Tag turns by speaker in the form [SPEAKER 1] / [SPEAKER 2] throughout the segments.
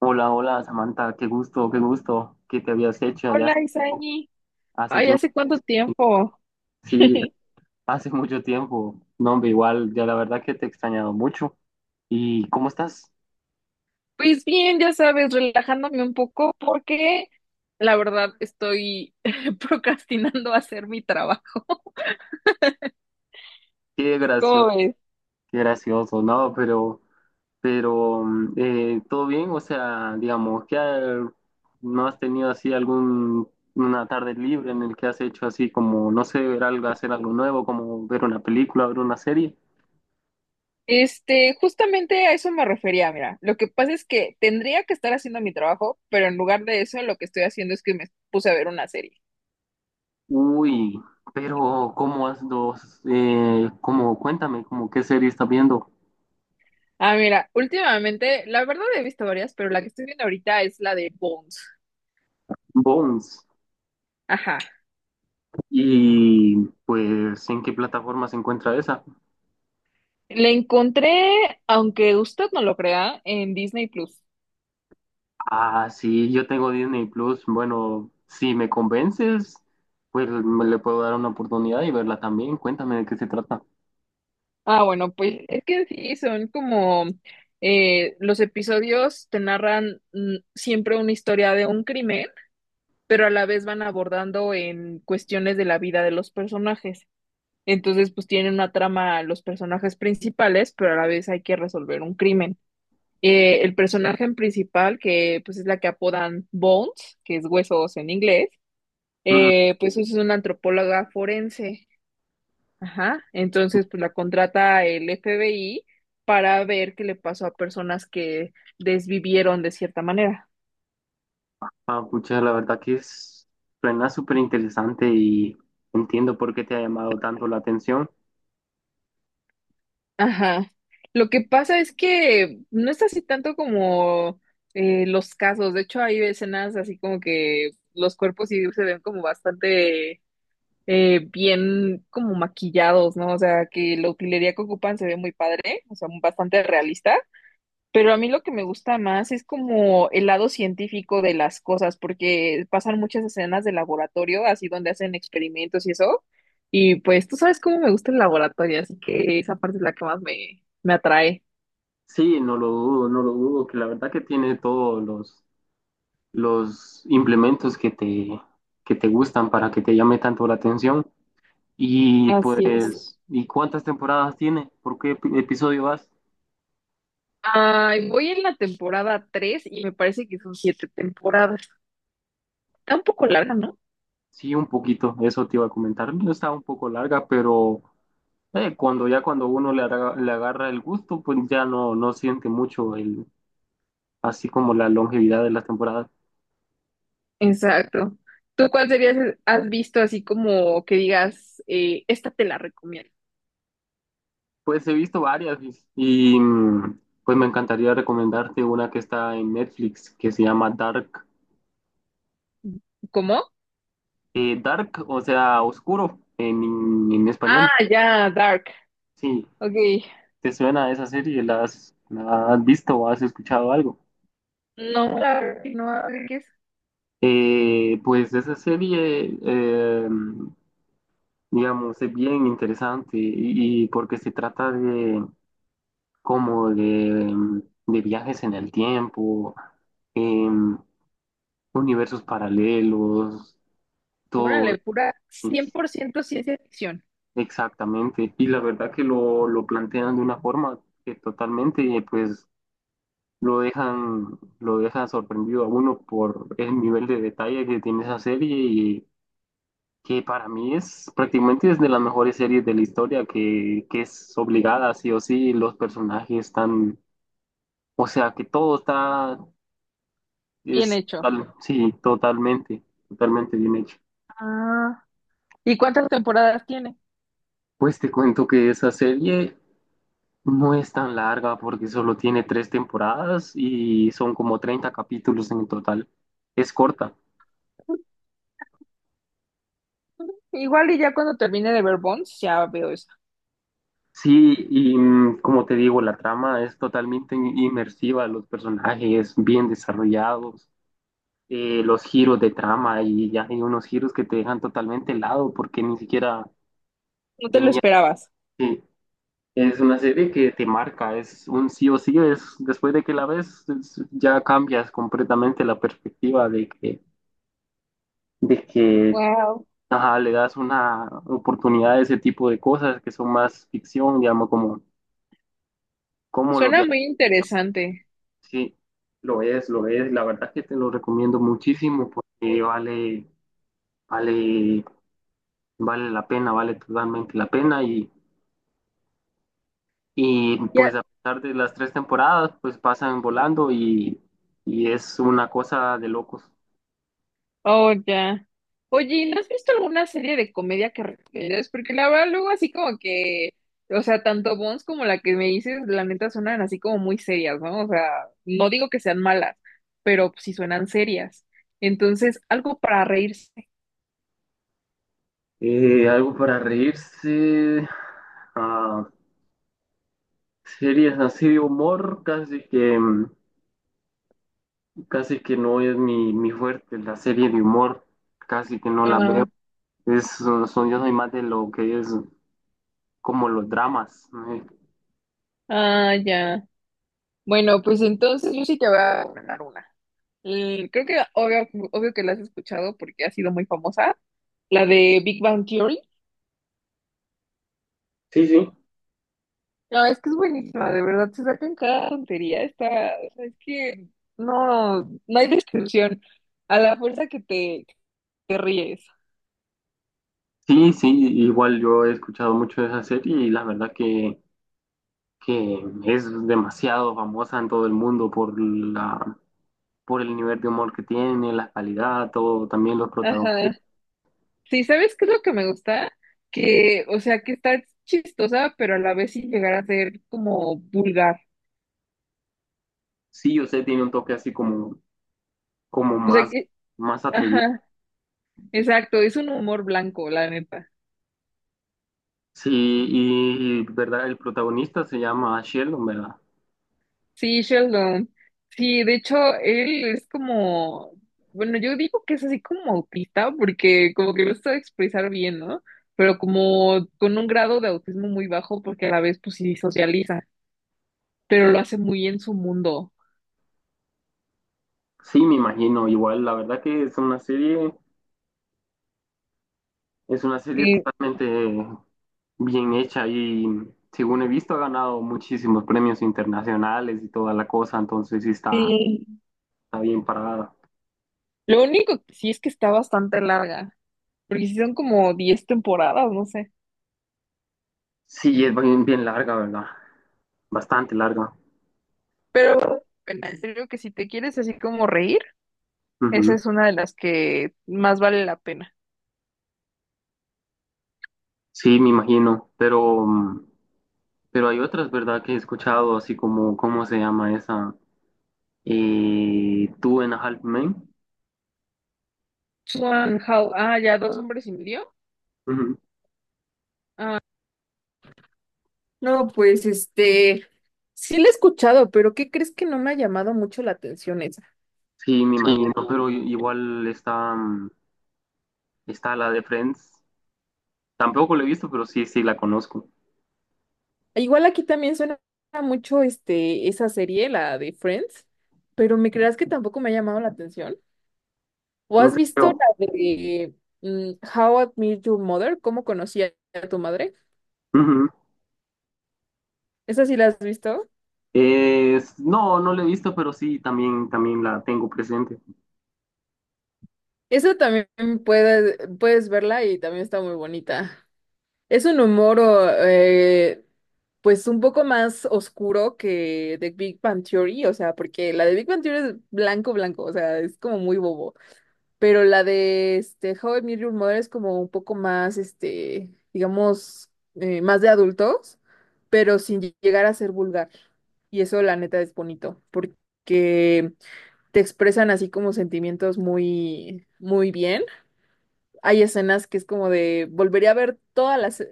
[SPEAKER 1] Hola, hola Samantha, qué gusto que te habías hecho ya
[SPEAKER 2] Hola,
[SPEAKER 1] hace
[SPEAKER 2] Isaí.
[SPEAKER 1] hace
[SPEAKER 2] Ay,
[SPEAKER 1] tiempo.
[SPEAKER 2] ¿hace cuánto tiempo?
[SPEAKER 1] Sí, hace mucho tiempo. No, hombre, igual, ya la verdad que te he extrañado mucho. ¿Y cómo estás?
[SPEAKER 2] Pues bien, ya sabes, relajándome un poco porque la verdad estoy procrastinando hacer mi trabajo.
[SPEAKER 1] Qué
[SPEAKER 2] ¿Cómo
[SPEAKER 1] gracioso,
[SPEAKER 2] ves?
[SPEAKER 1] qué gracioso, ¿no? Pero, ¿todo bien? O sea, digamos, ¿no has tenido así algún, una tarde libre en el que has hecho así como, no sé, ver algo, hacer algo nuevo, como ver una película, ver una serie?
[SPEAKER 2] Este, justamente a eso me refería, mira. Lo que pasa es que tendría que estar haciendo mi trabajo, pero en lugar de eso lo que estoy haciendo es que me puse a ver una serie.
[SPEAKER 1] Uy, pero ¿cómo has dos? Como cuéntame, ¿como qué serie estás viendo?
[SPEAKER 2] Ah, mira, últimamente, la verdad he visto varias, pero la que estoy viendo ahorita es la de Bones.
[SPEAKER 1] Bones.
[SPEAKER 2] Ajá.
[SPEAKER 1] Y pues, ¿en qué plataforma se encuentra esa?
[SPEAKER 2] La encontré, aunque usted no lo crea, en Disney Plus.
[SPEAKER 1] Ah, sí, yo tengo Disney Plus. Bueno, si me convences, pues me le puedo dar una oportunidad y verla también. Cuéntame de qué se trata.
[SPEAKER 2] Ah, bueno, pues es que sí, son como los episodios te narran siempre una historia de un crimen, pero a la vez van abordando en cuestiones de la vida de los personajes. Entonces, pues tienen una trama los personajes principales, pero a la vez hay que resolver un crimen. El personaje principal, que pues es la que apodan Bones, que es huesos en inglés,
[SPEAKER 1] Mm.
[SPEAKER 2] pues es una antropóloga forense. Ajá, entonces pues la contrata el FBI para ver qué le pasó a personas que desvivieron de cierta manera.
[SPEAKER 1] Ah, pucha, la verdad que es, suena súper interesante y entiendo por qué te ha llamado tanto la atención.
[SPEAKER 2] Ajá. Lo que pasa es que no es así tanto como los casos. De hecho, hay escenas así como que los cuerpos sí se ven como bastante bien como maquillados, ¿no? O sea, que la utilería que ocupan se ve muy padre, o sea, bastante realista. Pero a mí lo que me gusta más es como el lado científico de las cosas, porque pasan muchas escenas de laboratorio, así donde hacen experimentos y eso. Y pues tú sabes cómo me gusta el laboratorio, así que esa parte es la que más me atrae.
[SPEAKER 1] Sí, no lo dudo, no lo dudo, que la verdad que tiene todos los implementos que te gustan para que te llame tanto la atención. Y
[SPEAKER 2] Así es.
[SPEAKER 1] pues, ¿y cuántas temporadas tiene? ¿Por qué episodio vas?
[SPEAKER 2] Ay, voy en la temporada 3 y me parece que son 7 temporadas. Está un poco larga, ¿no?
[SPEAKER 1] Sí, un poquito, eso te iba a comentar. No está un poco larga, pero cuando ya cuando uno le, le agarra el gusto, pues ya no siente mucho el, así como la longevidad de las temporadas.
[SPEAKER 2] Exacto. ¿Tú cuál serías, has visto así como que digas, esta te la recomiendo?
[SPEAKER 1] Pues he visto varias Luis, pues me encantaría recomendarte una que está en Netflix que se llama Dark.
[SPEAKER 2] ¿Cómo?
[SPEAKER 1] Dark, o sea, oscuro en español.
[SPEAKER 2] Ah, ya, Dark.
[SPEAKER 1] Sí,
[SPEAKER 2] Ok.
[SPEAKER 1] ¿te suena esa serie? ¿La has visto o has escuchado algo?
[SPEAKER 2] No, la verdad que no, a ver qué es.
[SPEAKER 1] Pues esa serie, digamos, es bien interesante y porque se trata de como de viajes en el tiempo, em, universos paralelos, todo
[SPEAKER 2] Órale, pura 100% ciencia ficción.
[SPEAKER 1] exactamente. Y la verdad que lo plantean de una forma que totalmente, pues lo dejan sorprendido a uno por el nivel de detalle que tiene esa serie y que para mí es prácticamente es de las mejores series de la historia que es obligada sí o sí, los personajes están, o sea que todo está,
[SPEAKER 2] Bien hecho.
[SPEAKER 1] sí, totalmente, totalmente bien hecho.
[SPEAKER 2] Ah. ¿Y cuántas temporadas tiene?
[SPEAKER 1] Pues te cuento que esa serie no es tan larga porque solo tiene tres temporadas y son como 30 capítulos en total. Es corta.
[SPEAKER 2] Igual y ya cuando termine de ver Bones, ya veo eso.
[SPEAKER 1] Sí, y mm, como te digo, la trama es totalmente inmersiva, los personajes bien desarrollados, los giros de trama y ya hay unos giros que te dejan totalmente helado porque ni siquiera
[SPEAKER 2] No te lo
[SPEAKER 1] tenía
[SPEAKER 2] esperabas.
[SPEAKER 1] que... Es una serie que te marca, es un sí o sí, es, después de que la ves ya cambias completamente la perspectiva de que
[SPEAKER 2] Wow.
[SPEAKER 1] ajá, le das una oportunidad a ese tipo de cosas que son más ficción, digamos, como, como lo
[SPEAKER 2] Suena muy interesante.
[SPEAKER 1] sí, lo es, lo es. La verdad que te lo recomiendo muchísimo porque vale, vale la pena, vale totalmente la pena. Y
[SPEAKER 2] Ya.
[SPEAKER 1] pues a pesar de las tres temporadas, pues pasan volando y es una cosa de locos.
[SPEAKER 2] Oh, ya. Oye, ¿y ¿no has visto alguna serie de comedia que recomiendas? Porque la verdad, luego así como que, o sea, tanto Bones como la que me dices, la neta suenan así como muy serias, ¿no? O sea, no digo que sean malas, pero sí suenan serias. Entonces, algo para reírse.
[SPEAKER 1] Algo para reírse. Ah, series así de humor, casi que no es mi fuerte. La serie de humor, casi que no la veo.
[SPEAKER 2] Ah,
[SPEAKER 1] Es, son, yo soy más de lo que es, como los dramas. ¿No?
[SPEAKER 2] ah, ya. Bueno, pues entonces yo sí te voy a recomendar una. Creo que obvio que la has escuchado porque ha sido muy famosa, la de Big Bang Theory.
[SPEAKER 1] Sí, sí.
[SPEAKER 2] No, es que es buenísima, de verdad, se sacan cada tontería, está, o sea, es que no hay descripción, a la fuerza que te ríes.
[SPEAKER 1] Sí, sí, igual yo he escuchado mucho de esa serie y la verdad que es demasiado famosa en todo el mundo por por el nivel de humor que tiene, la calidad, todo, también los protagonistas.
[SPEAKER 2] Ajá. Sí, ¿sabes qué es lo que me gusta? Que, o sea, que está chistosa, pero a la vez sin llegar a ser como vulgar.
[SPEAKER 1] Sí, yo sé, tiene un toque así como, como
[SPEAKER 2] O sea
[SPEAKER 1] más,
[SPEAKER 2] que,
[SPEAKER 1] más atrevido.
[SPEAKER 2] ajá, exacto, es un humor blanco, la neta.
[SPEAKER 1] Sí, y verdad, el protagonista se llama Sheldon, ¿verdad?
[SPEAKER 2] Sí, Sheldon. Sí, de hecho, él es como, bueno, yo digo que es así como autista, porque como que lo sabe expresar bien, ¿no? Pero como con un grado de autismo muy bajo, porque a la vez, pues sí socializa, pero lo hace muy en su mundo.
[SPEAKER 1] Sí, me imagino, igual, la verdad que es una serie, es una serie
[SPEAKER 2] Y,
[SPEAKER 1] totalmente bien hecha y según he visto ha ganado muchísimos premios internacionales y toda la cosa, entonces sí está,
[SPEAKER 2] y
[SPEAKER 1] está bien parada.
[SPEAKER 2] lo único que sí es que está bastante larga, porque sí son como 10 temporadas, no sé.
[SPEAKER 1] Sí, es bien, bien larga, ¿verdad? Bastante larga.
[SPEAKER 2] Pero, bueno, en serio que si te quieres así como reír, esa
[SPEAKER 1] Ujú.
[SPEAKER 2] es una de las que más vale la pena.
[SPEAKER 1] Sí, me imagino, pero, mm, pero hay otras, ¿verdad? Que he escuchado, así como, ¿cómo se llama esa? Two and a Half Men.
[SPEAKER 2] Swan How, ah, ya, dos hombres y medio.
[SPEAKER 1] Ujú.
[SPEAKER 2] No, pues este, sí la he escuchado, pero ¿qué crees que no me ha llamado mucho la atención esa?
[SPEAKER 1] Sí, me imagino, pero igual está, mm, está la de Friends. Tampoco la he visto, pero sí, sí la conozco.
[SPEAKER 2] Igual aquí también suena mucho este, esa serie, la de Friends, pero ¿me creas que tampoco me ha llamado la atención? ¿O
[SPEAKER 1] No
[SPEAKER 2] has
[SPEAKER 1] te
[SPEAKER 2] visto la
[SPEAKER 1] creo.
[SPEAKER 2] de mm, How I Met Your Mother? ¿Cómo conocí a tu madre?
[SPEAKER 1] Ujú.
[SPEAKER 2] ¿Esa sí la has visto?
[SPEAKER 1] No, no la he visto, pero sí, también, también la tengo presente.
[SPEAKER 2] Esa también puedes verla y también está muy bonita. Es un humor, pues un poco más oscuro que The Big Bang Theory, o sea, porque la de Big Bang Theory es blanco, blanco, o sea, es como muy bobo, pero la de este, How I Met Your Mother es como un poco más, este, digamos, más de adultos, pero sin llegar a ser vulgar. Y eso, la neta, es bonito, porque te expresan así como sentimientos muy, muy bien. Hay escenas que es como de volvería a ver todas las,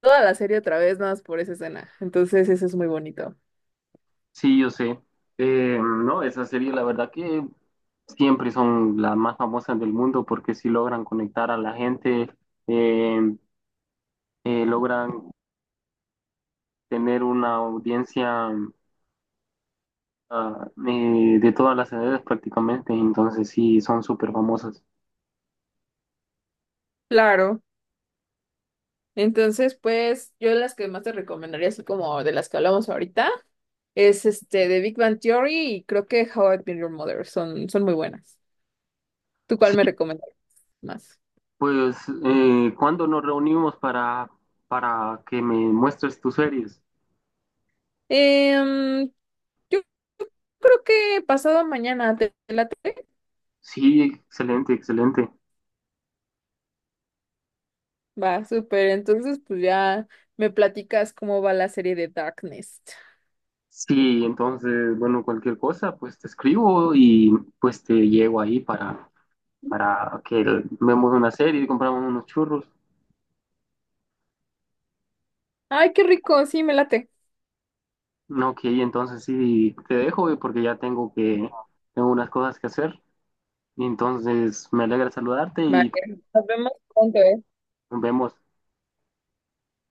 [SPEAKER 2] toda la serie otra vez, nada más por esa escena. Entonces, eso es muy bonito.
[SPEAKER 1] Sí, yo sé. No, esa serie, la verdad que siempre son las más famosas del mundo porque sí logran conectar a la gente, eh, logran tener una audiencia de todas las edades prácticamente, entonces sí, son súper famosas.
[SPEAKER 2] Claro. Entonces, pues, yo las que más te recomendaría, así como de las que hablamos ahorita, es este de Big Bang Theory y creo que How I Met Your Mother. Son muy buenas. ¿Tú cuál
[SPEAKER 1] Sí,
[SPEAKER 2] me recomendarías más?
[SPEAKER 1] pues, ¿cuándo nos reunimos para que me muestres tus series?
[SPEAKER 2] Em, yo creo que pasado mañana te late.
[SPEAKER 1] Sí, excelente, excelente.
[SPEAKER 2] Va, súper. Entonces, pues ya me platicas cómo va la serie de Darkness.
[SPEAKER 1] Sí, entonces, bueno, cualquier cosa, pues te escribo y pues te llego ahí para que vemos una serie y compramos unos churros.
[SPEAKER 2] Ay, qué rico, sí, me late.
[SPEAKER 1] No, ok, entonces sí, te dejo porque ya tengo tengo unas cosas que hacer. Entonces, me alegra saludarte
[SPEAKER 2] Vale,
[SPEAKER 1] y
[SPEAKER 2] nos vemos pronto, ¿eh?
[SPEAKER 1] nos vemos.